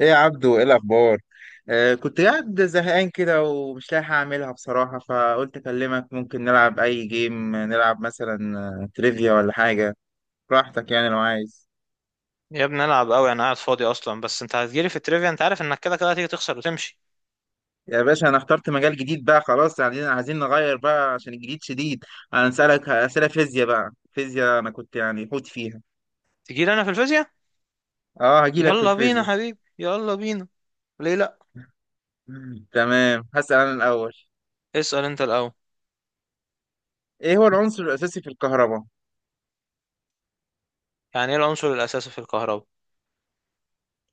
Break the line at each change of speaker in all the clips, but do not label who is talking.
ايه يا عبدو، ايه الاخبار؟ كنت قاعد زهقان كده ومش لاقي حاجه اعملها بصراحه، فقلت اكلمك. ممكن نلعب اي جيم، نلعب مثلا تريفيا ولا حاجه؟ براحتك يعني، لو عايز.
يا ابني العب قوي، انا قاعد فاضي اصلا. بس انت هتجيلي في التريفيا؟ انت عارف انك كده كده هتيجي تخسر وتمشي.
يا باشا، انا اخترت مجال جديد بقى خلاص، يعني عايزين نغير بقى عشان الجديد شديد. انا هسألك اسئله فيزياء بقى، فيزياء انا كنت يعني حوت فيها.
تجيلي انا في الفيزياء؟
اه هجيلك في
يلا بينا
الفيزياء.
حبيبي يلا بينا. ليه لا.
تمام، هسأل انا الاول.
اسأل انت الاول.
ايه هو العنصر الاساسي في الكهرباء؟
يعني ايه العنصر الاساسي في الكهرباء؟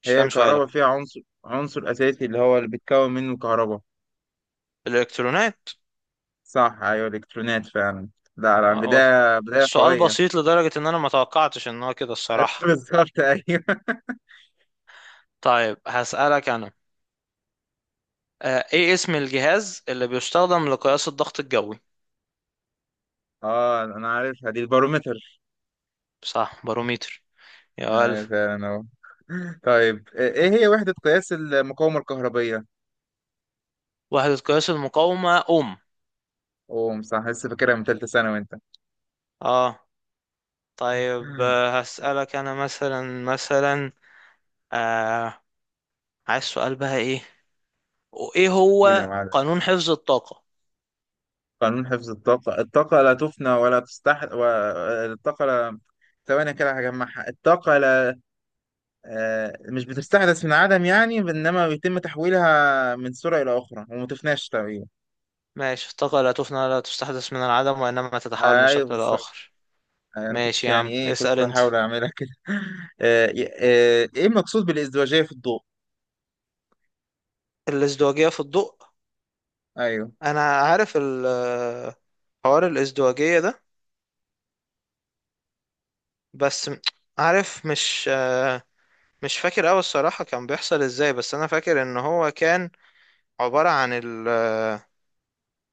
مش
هي
فاهم سؤالك.
الكهرباء فيها عنصر اساسي اللي هو اللي بيتكون منه الكهرباء.
الالكترونات.
صح، ايوه، الكترونات فعلا. لا لا،
هو
بداية بداية
السؤال
قوية.
بسيط لدرجة ان انا ما توقعتش ان هو كده الصراحة.
بالظبط، ايوه.
طيب هسألك انا. ايه اسم الجهاز اللي بيستخدم لقياس الضغط الجوي؟
اه، انا عارفها دي، البارومتر.
صح، باروميتر. يا ألف.
فعلا اهو. طيب، ايه هي وحدة قياس المقاومة الكهربية؟
وحدة قياس المقاومة أوم.
اوه صح، لسه فاكرها من ثالثة ثانوي انت.
اه. طيب، هسألك أنا مثلا مثلا آه عايز سؤال بقى. إيه وإيه
قول يا
هو
معلم.
قانون حفظ الطاقة؟
قانون حفظ الطاقة، الطاقة لا تفنى ولا تستحدث الطاقة لا، ثواني كده هجمعها. الطاقة لا، مش بتستحدث من عدم يعني، انما بيتم تحويلها من سرعة إلى أخرى وما تفناش تقريبا.
ماشي، الطاقة لا تفنى ولا تستحدث من العدم، وإنما تتحول من
ايوه.
شكل لآخر.
يعني انا كنت
ماشي يا
يعني
عم،
ايه، كنت
اسأل أنت.
بحاول اعملها كده. آه، ايه المقصود بالازدواجيه في الضوء؟
الازدواجية في الضوء.
ايوه.
أنا عارف حوار الازدواجية ده. بس م- عارف، مش فاكر أوي الصراحة كان بيحصل إزاي، بس أنا فاكر إن هو كان عبارة عن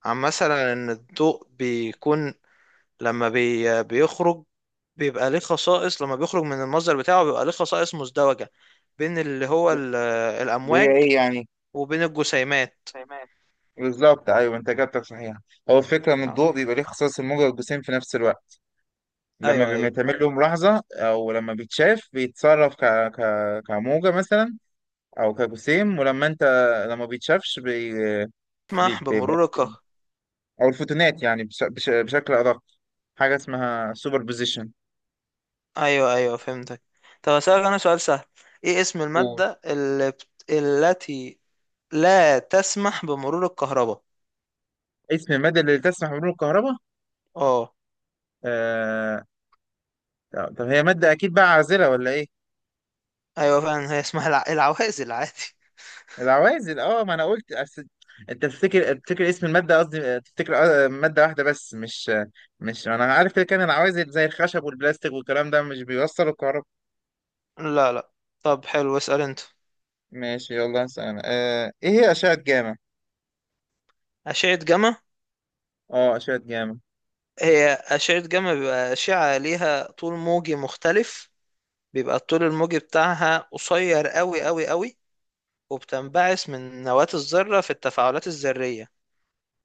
عن مثلا ان الضوء بيكون لما بيخرج بيبقى ليه خصائص. لما بيخرج من المصدر بتاعه بيبقى ليه خصائص مزدوجة، بين
اللي هي
الأمواج
ايه يعني؟
وبين الجسيمات.
تمام. بالظبط، ايوه، انت اجابتك صحيحه. هو الفكره ان الضوء
آه.
بيبقى ليه خصائص الموجه والجسيم في نفس الوقت. لما
أيوه أيوه.
بيتعمل له ملاحظه او لما بيتشاف بيتصرف ك... كموجه مثلا، او كجسيم. ولما انت لما بيتشافش
اسمح
بيبقى
بمرور
جسيم.
الكهرباء.
او الفوتونات يعني بشكل ادق. حاجه اسمها سوبر بوزيشن.
أيوه أيوه، فهمتك. طب أسألك أنا سؤال سهل. إيه اسم المادة التي لا تسمح بمرور الكهرباء؟
اسم المادة اللي تسمح بمرور الكهرباء.
أه.
آه... طب هي مادة أكيد بقى عازلة ولا إيه؟
أيوه فعلا، هي اسمها العوازل عادي.
العوازل، أه. ما أنا قلت أنت تفتكر اسم المادة قصدي. تفتكر مادة واحدة بس، مش أنا عارف كده، كان العوازل زي الخشب والبلاستيك والكلام ده مش بيوصلوا الكهرباء.
لا لا. طب حلو، اسأل أنت.
ماشي، يلا هسأل أنا. إيه هي أشعة جاما؟
أشعة جاما.
أه، أشعة جاما.
هي أشعة جاما بيبقى أشعة ليها طول موجي مختلف، بيبقى الطول الموجي بتاعها قصير أوي أوي أوي، وبتنبعث من نواة الذرة في التفاعلات الذرية.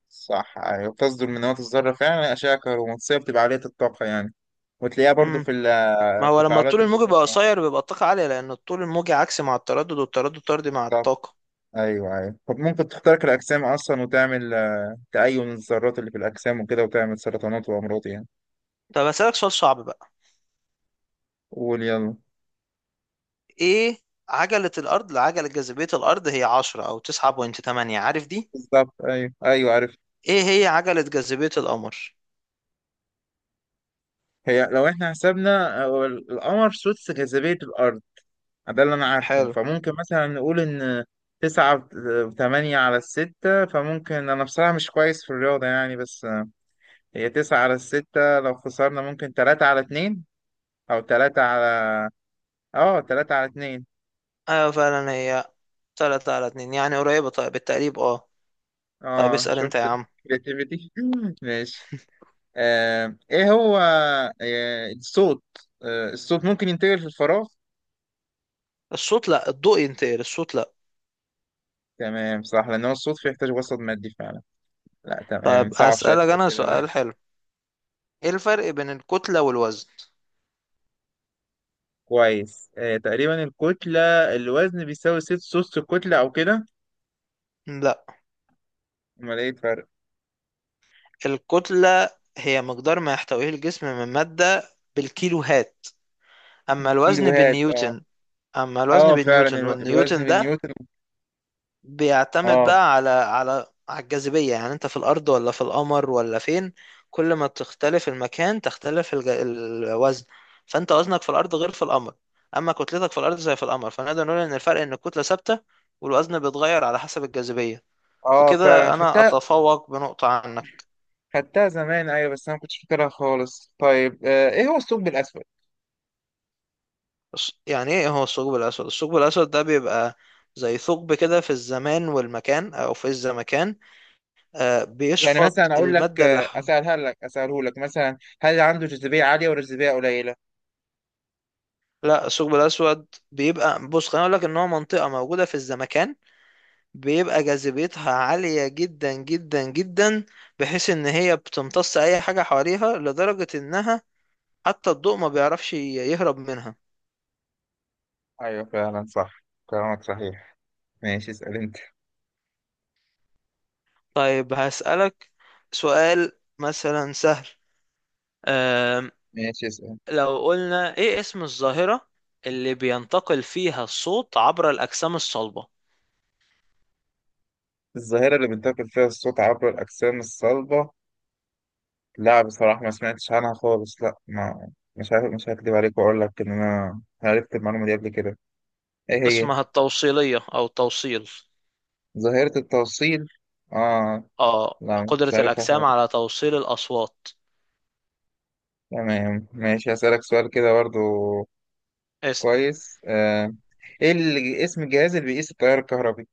صح، أيوة، بتصدر من نواة الذرة فعلا، أشعة كهرومغناطيسية بتبقى عالية الطاقة يعني، وتلاقيها برضو
مم.
في
ما هو لما
التفاعلات
الطول
اللي
الموجي
هي
بيبقى قصير بيبقى الطاقة عالية، لأن الطول الموجي عكسي مع التردد، والتردد طردي مع
النواة.
الطاقة.
ايوه ايوه. طب ممكن تخترق الاجسام اصلا وتعمل تأين الذرات اللي في الاجسام وكده، وتعمل سرطانات وامراض يعني.
طب أسألك سؤال صعب بقى.
قول يلا.
إيه عجلة الأرض، لعجلة جاذبية الأرض هي عشرة أو تسعة بوينت تمانية، عارف دي؟
بالظبط، ايوه ايوه، عرفت.
إيه هي عجلة جاذبية القمر؟
هي لو احنا حسبنا القمر سدس جاذبية الارض، ده اللي انا عارفه.
حلو.
فممكن مثلا نقول ان تسعة وثمانية على الستة. فممكن، أنا بصراحة مش كويس في الرياضة يعني، بس هي تسعة على الستة. لو خسرنا ممكن تلاتة على اتنين، أو تلاتة على، اه، تلاتة على اتنين.
أيوة فعلا، هي تلاتة على اتنين يعني، قريبة طيب بالتقريب. اه. طيب
اه،
اسأل انت
شفت.
يا عم.
الكرياتيفيتي. ماشي. ايه هو الصوت؟ الصوت ممكن ينتقل في الفراغ؟
الصوت لا، الضوء ينتقل، الصوت لا.
تمام، صح، لان هو الصوت فيه يحتاج وسط مادي فعلا. لا
طيب
تمام، صعب شويه
اسألك
في
انا
الاسئله بقى.
سؤال حلو. ايه الفرق بين الكتلة والوزن؟
كويس. تقريبا الكتله، الوزن بيساوي سدس الكتله او كده.
لا.
امال ايه الفرق؟
الكتلة هي مقدار ما يحتويه الجسم من مادة بالكيلوهات، اما الوزن
الكيلوهات، اه.
بالنيوتن. اما الوزن
اه، فعلا،
بالنيوتن،
الوزن
والنيوتن ده
بالنيوتن.
بيعتمد
اه
بقى على على الجاذبية، يعني انت في الأرض ولا في القمر ولا فين. كل ما تختلف المكان تختلف الوزن، فانت وزنك في الأرض غير في القمر. أما كتلتك في الأرض زي في القمر، فنقدر نقول إن الفرق إن الكتلة ثابتة والوزن بيتغير على حسب الجاذبية.
اه فعلا
وكده أنا
خدتها.
أتفوق بنقطة عنك.
خدتها زمان، ايوه، بس انا ما كنتش فاكرها خالص. طيب، ايه هو الثقب الاسود؟
بس يعني إيه هو الثقب الأسود؟ الثقب الأسود ده بيبقى زي ثقب كده في الزمان والمكان، أو في الزمكان.
يعني
بيشفط
مثلا اقول لك،
المادة اللي...
اساله لك مثلا، هل عنده جاذبيه عاليه ولا جاذبيه قليله؟
لا، الثقب الأسود بيبقى، بص خليني أقول لك، إن هو منطقة موجودة في الزمكان بيبقى جاذبيتها عالية جدا جدا جدا، بحيث إن هي بتمتص أي حاجة حواليها، لدرجة إنها حتى الضوء ما بيعرفش يهرب منها.
ايوه فعلا، صح، كلامك صحيح. ماشي، اسال انت.
طيب هسألك سؤال مثلا سهل. أم
ماشي، اسال.
لو قلنا إيه اسم الظاهرة اللي بينتقل فيها الصوت عبر الأجسام الصلبة؟
الظاهره اللي بينتقل فيها الصوت عبر الاجسام الصلبه، لا بصراحه ما سمعتش عنها خالص. لا، ما مش عارف. مش هكدب عليك واقول لك ان انا عرفت المعلومه دي قبل كده. ايه هي؟
اسمها التوصيلية أو التوصيل.
ظاهره التوصيل، اه.
آه،
لا، مش
قدرة
عارفها
الأجسام على
خالص.
توصيل الأصوات.
تمام، ماشي. هسألك سؤال كده برضو.
اسأل.
كويس. ايه اسم الجهاز اللي بيقيس التيار الكهربي؟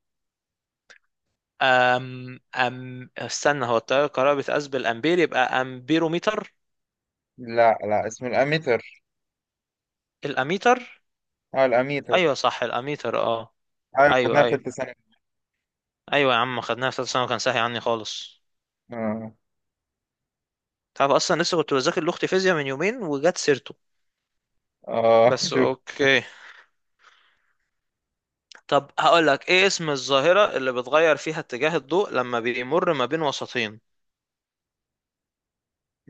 أم أم استنى، هو التيار الكهربائي بيتقاس بالأمبير، يبقى أمبيروميتر.
لا لا، اسمه الاميتر.
الأميتر.
اه،
أيوه
الاميتر.
صح، الأميتر. أه.
ايوه،
أيوه
خدناها في
أيوه.
ثالثه ثانوي.
أيوه يا عم، خدناها في ثالثة ثانوي، كان ساهي عني خالص.
اه
تعرف أصلا لسه كنت بذاكر لأختي فيزياء من يومين وجت سيرته.
اه.
بس
شوف.
أوكي. طب هقول لك، إيه اسم الظاهرة اللي بتغير فيها اتجاه الضوء لما بيمر ما بين وسطين؟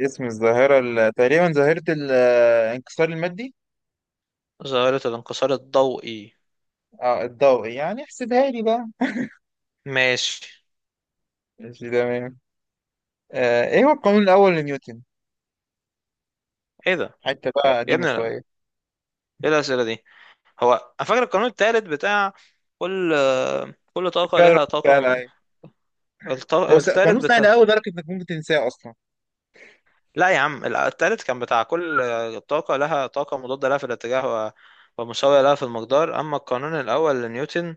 اسم الظاهره تقريبا ظاهره الانكسار المادي.
ظاهرة الانكسار الضوئي.
اه، الضوئي، يعني احسبها لي بقى.
ماشي.
ماشي، تمام. ايه هو القانون الاول لنيوتن؟
إيه ده؟
حتى بقى
يا
قديمه
ابني لا.
شويه.
إيه الأسئلة دي؟ هو انا فاكر القانون التالت بتاع، كل كل طاقة
فعلا،
لها طاقة
فعلا، أيوة. هو
التالت
قانون سهل
بتاع،
قوي لدرجه انك ممكن تنساه اصلا.
لا يا عم التالت كان بتاع كل طاقة لها طاقة مضادة لها في الاتجاه، و... ومساوية لها في المقدار. أما القانون الأول لنيوتن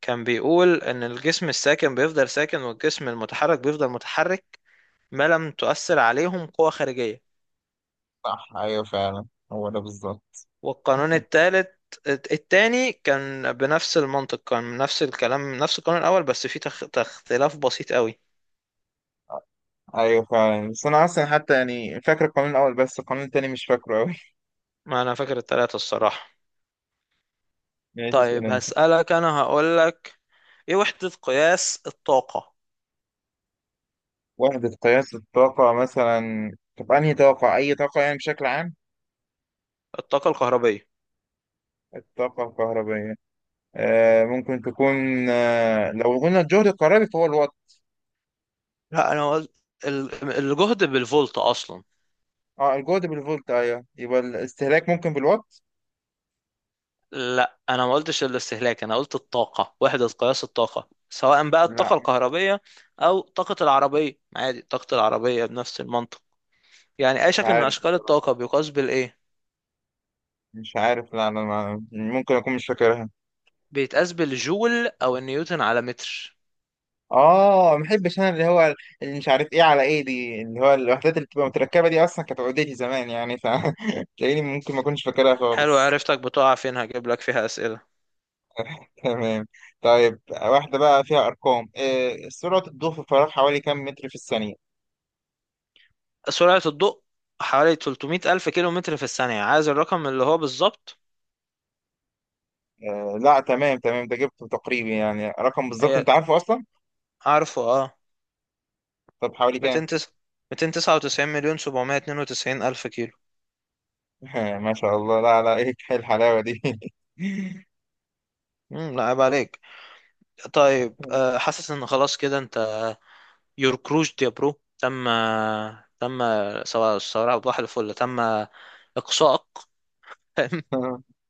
كان بيقول إن الجسم الساكن بيفضل ساكن، والجسم المتحرك بيفضل متحرك، ما لم تؤثر عليهم قوة خارجية.
صح، ايوه فعلا، هو ده بالظبط.
والقانون التاني كان بنفس المنطق، كان نفس الكلام، نفس القانون الأول بس فيه اختلاف بسيط قوي.
ايوه فعلا، بس انا اصلا حتى يعني فاكر القانون الاول، بس القانون التاني مش فاكره قوي.
ما انا فاكر التلاتة الصراحة.
يعني تسأل
طيب
انت.
هسألك انا، هقولك ايه وحدة قياس الطاقة.
وحدة قياس الطاقة مثلا. طب انهي طاقة؟ اي طاقة يعني بشكل عام؟
الطاقة الكهربية.
الطاقة الكهربائية. ممكن تكون. لو قلنا الجهد الكهربي فهو الوات.
لا انا قلت الجهد بالفولت اصلا.
اه، الجهد بالفولت، ايوه، يبقى الاستهلاك ممكن بالوات.
لا انا ما قلتش الاستهلاك، انا قلت الطاقة، وحدة قياس الطاقة. سواء بقى
لا
الطاقة
مش
الكهربية او طاقة العربية عادي، طاقة العربية بنفس المنطق. يعني اي شكل من
عارف،
اشكال الطاقة
بصراحة
بيقاس بالايه؟
مش عارف. لا، انا ممكن اكون مش فاكرها.
بيتقاس بالجول او النيوتن على متر.
اه، ما بحبش انا اللي هو، اللي مش عارف ايه على ايه دي، اللي هو الوحدات اللي بتبقى متركبه دي اصلا كانت عقدتي زمان يعني، فتلاقيني ممكن ما اكونش فاكرها
حلو،
خالص.
عرفتك بتقع فين، هجيب لك فيها اسئلة.
تمام. طيب، واحده بقى فيها ارقام. سرعه الضوء في الفراغ حوالي كام متر في الثانيه؟
سرعة الضوء حوالي 300 ألف كيلو متر في الثانية. عايز الرقم اللي هو بالظبط؟
لا، تمام تمام، ده جبته تقريبي يعني، رقم بالظبط
هي
انت عارفه اصلا.
عارفه اه.
طب حوالي
200
كام؟
تس- 299 مليون 792 ألف كيلو.
ما شاء الله، لا لا، ايه! إيه الحلاوه دي؟
لا عيب عليك. طيب، حاسس ان خلاص كده انت، يور كروج يا برو، تم. تم. سواء سواء بحر الفل، تم اقصائك.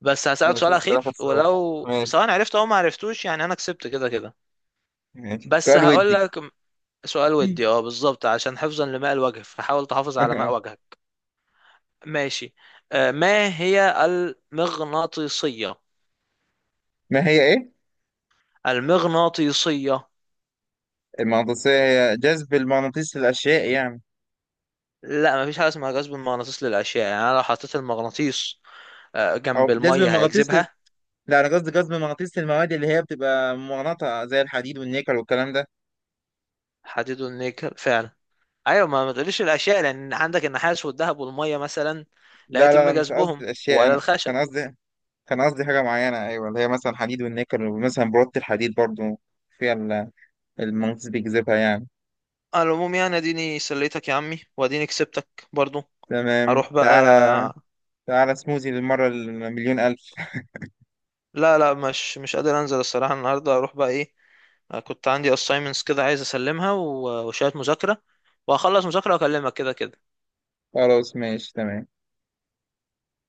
بس هسألك
ماشي،
سؤال
اسال اخر
أخير،
سؤال.
ولو
ماشي.
سواء عرفت أو ما عرفتوش يعني أنا كسبت كده كده.
ماشي،
بس
سؤال
هقول
ودي.
لك سؤال ودي، اه بالظبط، عشان حفظا لماء الوجه فحاول تحافظ على ماء وجهك. ماشي. ما هي المغناطيسية؟
ما هي ايه؟
المغناطيسية.
المغناطيسية. هي جذب المغناطيس للأشياء يعني.
لا مفيش حاجة اسمها جذب المغناطيس للأشياء. يعني أنا لو حطيت المغناطيس جنب
أو جذب
المية
المغناطيس
هيجذبها؟
لا، أنا قصدي جذب المغناطيس للمواد اللي هي بتبقى مغناطة زي الحديد والنيكل والكلام ده.
حديد والنيكل فعلا. أيوة، ما تقوليش الأشياء، لأن عندك النحاس والذهب والمية مثلا لا
لا
يتم
لا لا، مش قصدي
جذبهم،
الأشياء،
ولا
أنا
الخشب.
كان قصدي، كان قصدي حاجة معينة، أيوة، اللي هي مثلا حديد والنيكل، ومثلا برودة الحديد برضو فيها المغناطيس بيجذبها يعني.
على العموم يعني، اديني سليتك يا عمي، واديني كسبتك برضو.
تمام،
هروح بقى.
تعالى. تعالى سموزي للمرة المليون ألف.
لا لا، مش مش قادر انزل الصراحه النهارده، اروح بقى ايه. كنت عندي assignments كده عايز اسلمها، وشويه مذاكره، وهخلص مذاكره واكلمك كده كده.
خلاص ماشي، تمام.